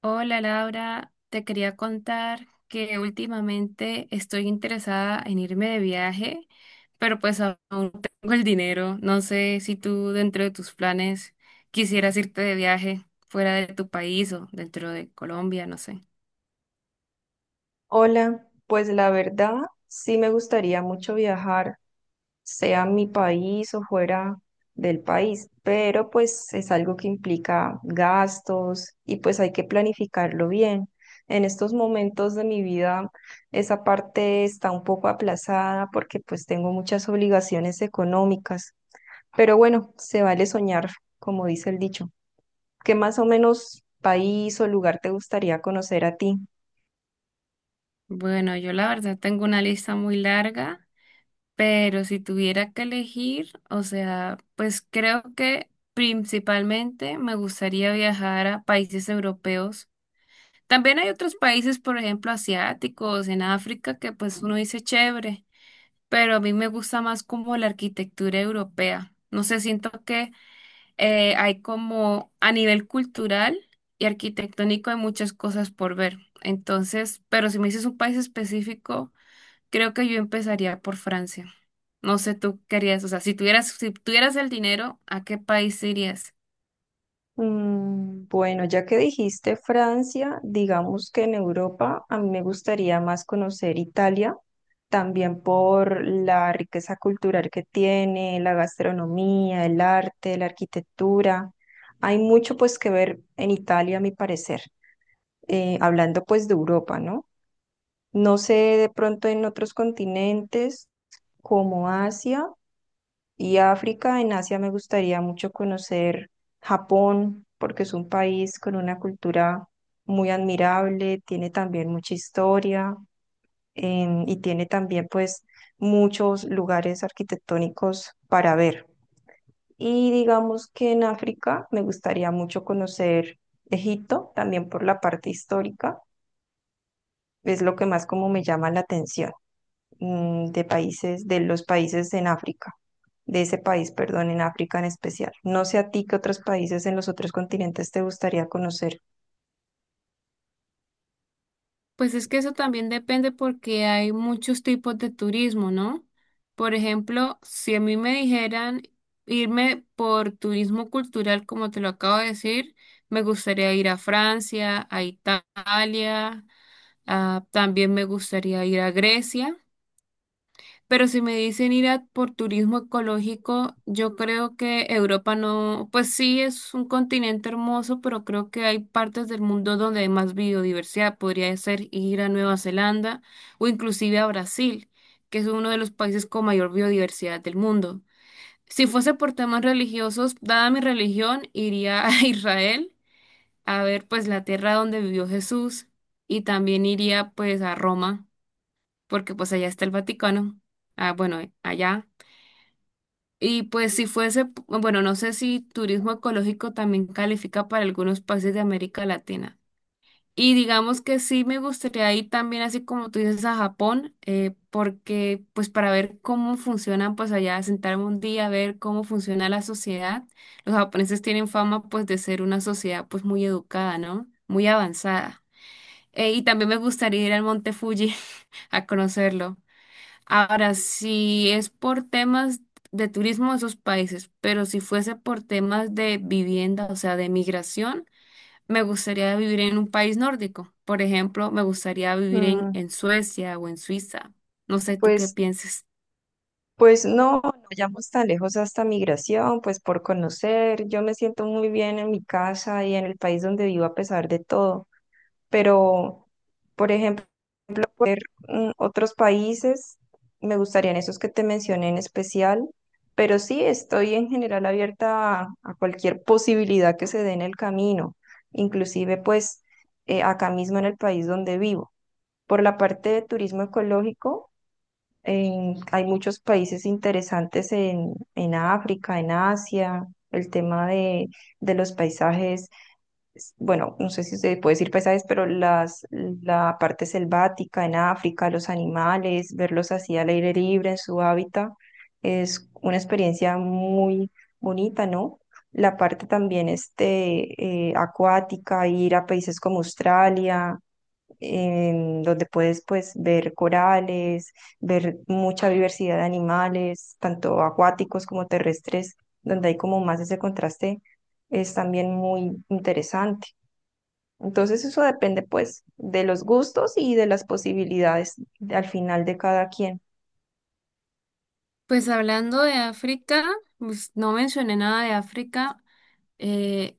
Hola Laura, te quería contar que últimamente estoy interesada en irme de viaje, pero pues aún no tengo el dinero. No sé si tú dentro de tus planes quisieras irte de viaje fuera de tu país o dentro de Colombia, no sé. Hola, pues la verdad sí me gustaría mucho viajar, sea a mi país o fuera del país, pero pues es algo que implica gastos y pues hay que planificarlo bien. En estos momentos de mi vida esa parte está un poco aplazada porque pues tengo muchas obligaciones económicas, pero bueno, se vale soñar, como dice el dicho. ¿Qué más o menos país o lugar te gustaría conocer a ti? Bueno, yo la verdad tengo una lista muy larga, pero si tuviera que elegir, o sea, pues creo que principalmente me gustaría viajar a países europeos. También hay otros países, por ejemplo, asiáticos, en África, que pues uno dice chévere, pero a mí me gusta más como la arquitectura europea. No sé, siento que hay como a nivel cultural y arquitectónico hay muchas cosas por ver. Entonces, pero si me dices un país específico, creo que yo empezaría por Francia. No sé, tú querías, o sea, si tuvieras el dinero, ¿a qué país irías? Mm, bueno, ya que dijiste Francia, digamos que en Europa a mí me gustaría más conocer Italia, también por la riqueza cultural que tiene, la gastronomía, el arte, la arquitectura. Hay mucho pues que ver en Italia, a mi parecer, hablando pues de Europa, ¿no? No sé de pronto en otros continentes como Asia. Y África, en Asia me gustaría mucho conocer Japón, porque es un país con una cultura muy admirable, tiene también mucha historia, y tiene también pues muchos lugares arquitectónicos para ver. Y digamos que en África me gustaría mucho conocer Egipto, también por la parte histórica, es lo que más como me llama la atención de países, de los países en África, de ese país, perdón, en África en especial. No sé a ti qué otros países en los otros continentes te gustaría conocer. Pues es que eso también depende porque hay muchos tipos de turismo, ¿no? Por ejemplo, si a mí me dijeran irme por turismo cultural, como te lo acabo de decir, me gustaría ir a Francia, a Italia, también me gustaría ir a Grecia. Pero si me dicen por turismo ecológico, yo creo que Europa no, pues sí es un continente hermoso, pero creo que hay partes del mundo donde hay más biodiversidad. Podría ser ir a Nueva Zelanda o inclusive a Brasil, que es uno de los países con mayor biodiversidad del mundo. Si fuese por temas religiosos, dada mi religión, iría a Israel a ver pues la tierra donde vivió Jesús y también iría pues a Roma, porque pues allá está el Vaticano. Ah, bueno, allá. Y pues si fuese, bueno, no sé si turismo ecológico también califica para algunos países de América Latina. Y digamos que sí me gustaría ir también, así como tú dices, a Japón, porque pues para ver cómo funcionan, pues allá sentarme un día a ver cómo funciona la sociedad. Los japoneses tienen fama pues de ser una sociedad pues muy educada, ¿no? Muy avanzada. Y también me gustaría ir al Monte Fuji a conocerlo. Ahora, si es por temas de turismo de esos países, pero si fuese por temas de vivienda, o sea, de migración, me gustaría vivir en un país nórdico. Por ejemplo, me gustaría vivir en, Mm, en Suecia o en Suiza. No sé tú qué pues, pienses. pues no, no vayamos tan lejos hasta migración, pues por conocer. Yo me siento muy bien en mi casa y en el país donde vivo a pesar de todo, pero, por ejemplo, ver otros países, me gustarían esos que te mencioné en especial, pero sí estoy en general abierta a cualquier posibilidad que se dé en el camino, inclusive pues acá mismo en el país donde vivo. Por la parte de turismo ecológico, hay muchos países interesantes en África, en Asia, el tema de los paisajes bueno, no sé si se puede decir paisajes, pero las, la parte selvática en África, los animales, verlos así al aire libre en su hábitat, es una experiencia muy bonita, ¿no? La parte también este, acuática, ir a países como Australia, donde puedes pues ver corales, ver mucha diversidad de animales, tanto acuáticos como terrestres, donde hay como más ese contraste es también muy interesante. Entonces eso depende pues de los gustos y de las posibilidades al final de cada quien. Pues hablando de África, pues, no mencioné nada de África. Eh,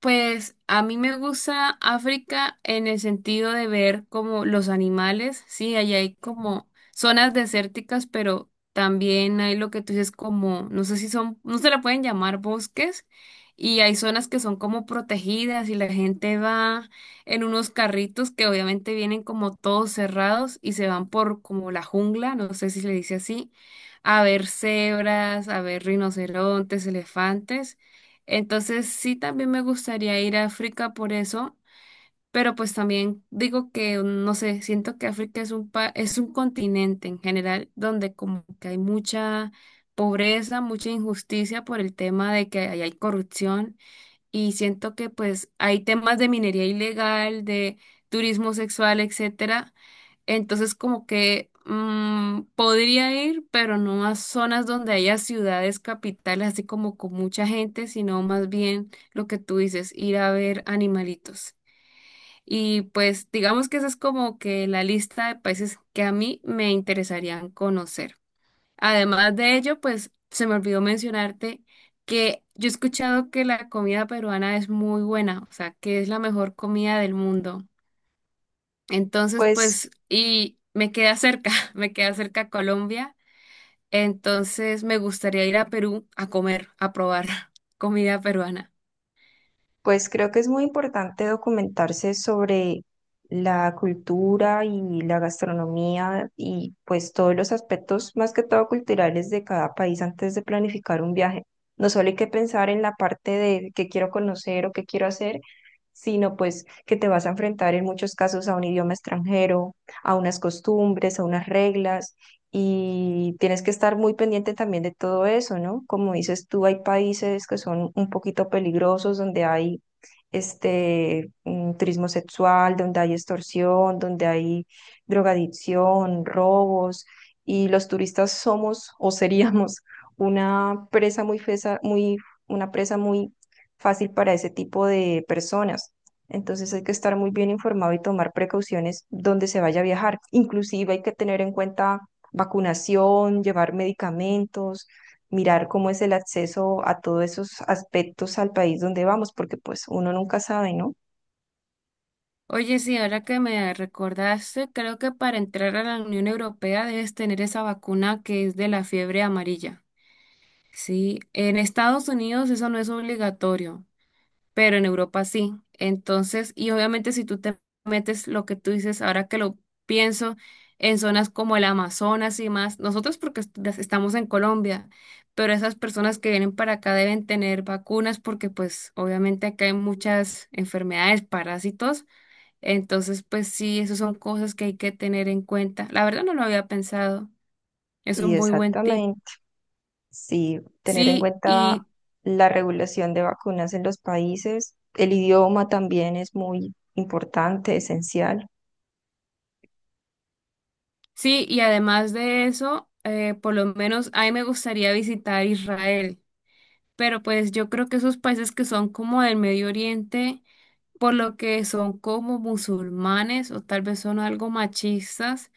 Pues a mí me gusta África en el sentido de ver como los animales, sí, allá hay como zonas desérticas, pero también hay lo que tú dices como, no sé si son, no se la pueden llamar bosques, y hay zonas que son como protegidas y la gente va en unos carritos que obviamente vienen como todos cerrados y se van por como la jungla, no sé si se le dice así, a ver cebras, a ver rinocerontes, elefantes. Entonces sí, también me gustaría ir a África por eso, pero pues también digo que, no sé, siento que África es un continente en general donde como que hay mucha pobreza, mucha injusticia por el tema de que ahí hay corrupción y siento que pues hay temas de minería ilegal, de turismo sexual, etcétera. Entonces, como que podría ir, pero no a zonas donde haya ciudades capitales, así como con mucha gente, sino más bien lo que tú dices, ir a ver animalitos. Y pues digamos que esa es como que la lista de países que a mí me interesarían conocer. Además de ello, pues se me olvidó mencionarte que yo he escuchado que la comida peruana es muy buena, o sea, que es la mejor comida del mundo. Entonces, Pues, pues, y me queda cerca, me queda cerca Colombia. Entonces, me gustaría ir a Perú a comer, a probar comida peruana. pues creo que es muy importante documentarse sobre la cultura y la gastronomía y pues todos los aspectos más que todo culturales de cada país antes de planificar un viaje. No solo hay que pensar en la parte de qué quiero conocer o qué quiero hacer, sino pues que te vas a enfrentar en muchos casos a un idioma extranjero, a unas costumbres, a unas reglas. Y tienes que estar muy pendiente también de todo eso, ¿no? Como dices tú, hay países que son un poquito peligrosos, donde hay este turismo sexual, donde hay extorsión, donde hay drogadicción, robos, y los turistas somos o seríamos una presa una presa muy fácil para ese tipo de personas. Entonces hay que estar muy bien informado y tomar precauciones donde se vaya a viajar. Inclusive hay que tener en cuenta vacunación, llevar medicamentos, mirar cómo es el acceso a todos esos aspectos al país donde vamos, porque pues uno nunca sabe, ¿no? Oye, sí, ahora que me recordaste, creo que para entrar a la Unión Europea debes tener esa vacuna que es de la fiebre amarilla. Sí, en Estados Unidos eso no es obligatorio, pero en Europa sí. Entonces, y obviamente si tú te metes lo que tú dices, ahora que lo pienso, en zonas como el Amazonas y más, nosotros porque estamos en Colombia, pero esas personas que vienen para acá deben tener vacunas porque pues obviamente acá hay muchas enfermedades, parásitos, entonces pues sí, esas son cosas que hay que tener en cuenta. La verdad no lo había pensado, es Y un muy buen tip. exactamente. Sí, tener en Sí, cuenta y la regulación de vacunas en los países. El idioma también es muy importante, esencial. sí, y además de eso, por lo menos a mí me gustaría visitar Israel, pero pues yo creo que esos países que son como del Medio Oriente, por lo que son como musulmanes o tal vez son algo machistas,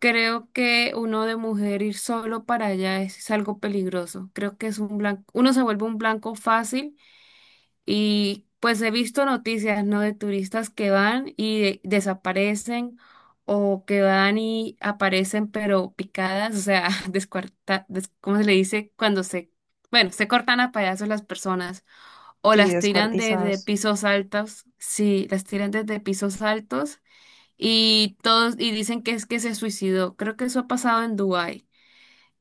creo que uno de mujer ir solo para allá es algo peligroso. Creo que es un blanco, uno se vuelve un blanco fácil y pues he visto noticias, ¿no? De turistas que van y desaparecen o que van y aparecen pero picadas, o sea, ¿cómo se le dice? Cuando se, bueno, se cortan a pedazos las personas o Sí, las tiran desde descuartizados. pisos altos, sí, las tiran desde pisos altos y todos, y dicen que es que se suicidó. Creo que eso ha pasado en Dubái.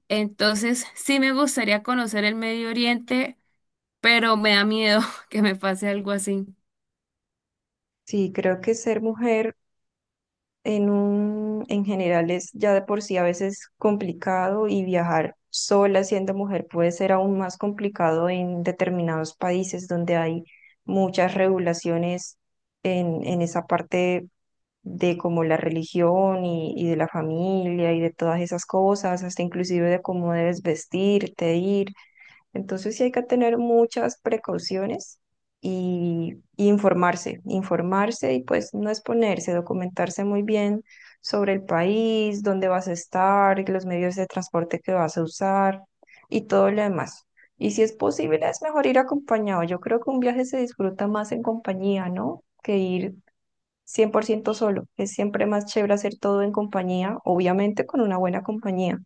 Entonces, sí me gustaría conocer el Medio Oriente, pero me da miedo que me pase algo así. Sí, creo que ser mujer en general es ya de por sí a veces complicado y viajar sola siendo mujer puede ser aún más complicado en determinados países donde hay muchas regulaciones en esa parte de como la religión y de la familia y de todas esas cosas, hasta inclusive de cómo debes vestirte, ir. Entonces sí hay que tener muchas precauciones y informarse, informarse y pues no exponerse, documentarse muy bien sobre el país, dónde vas a estar, los medios de transporte que vas a usar y todo lo demás. Y si es posible, es mejor ir acompañado. Yo creo que un viaje se disfruta más en compañía, ¿no? Que ir 100% solo. Es siempre más chévere hacer todo en compañía, obviamente con una buena compañía.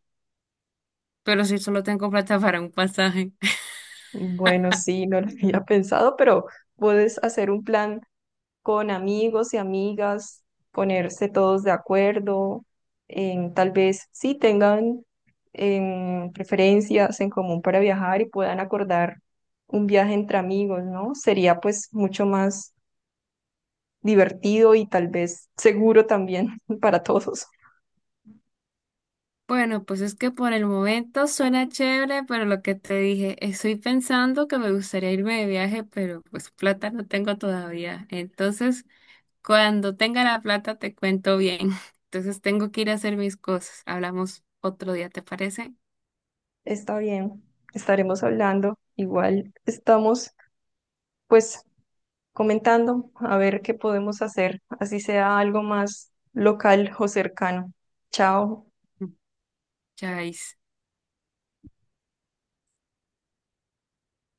Pero si solo tengo plata para un pasaje. Bueno, sí, no lo había pensado, pero puedes hacer un plan con amigos y amigas, ponerse todos de acuerdo, en, tal vez sí tengan preferencias en común para viajar y puedan acordar un viaje entre amigos, ¿no? Sería pues mucho más divertido y tal vez seguro también para todos. Bueno, pues es que por el momento suena chévere, pero lo que te dije, estoy pensando que me gustaría irme de viaje, pero pues plata no tengo todavía. Entonces, cuando tenga la plata te cuento bien. Entonces tengo que ir a hacer mis cosas. Hablamos otro día, ¿te parece? Está bien, estaremos hablando. Igual estamos pues comentando a ver qué podemos hacer, así sea algo más local o cercano. Chao. Mm. Chais.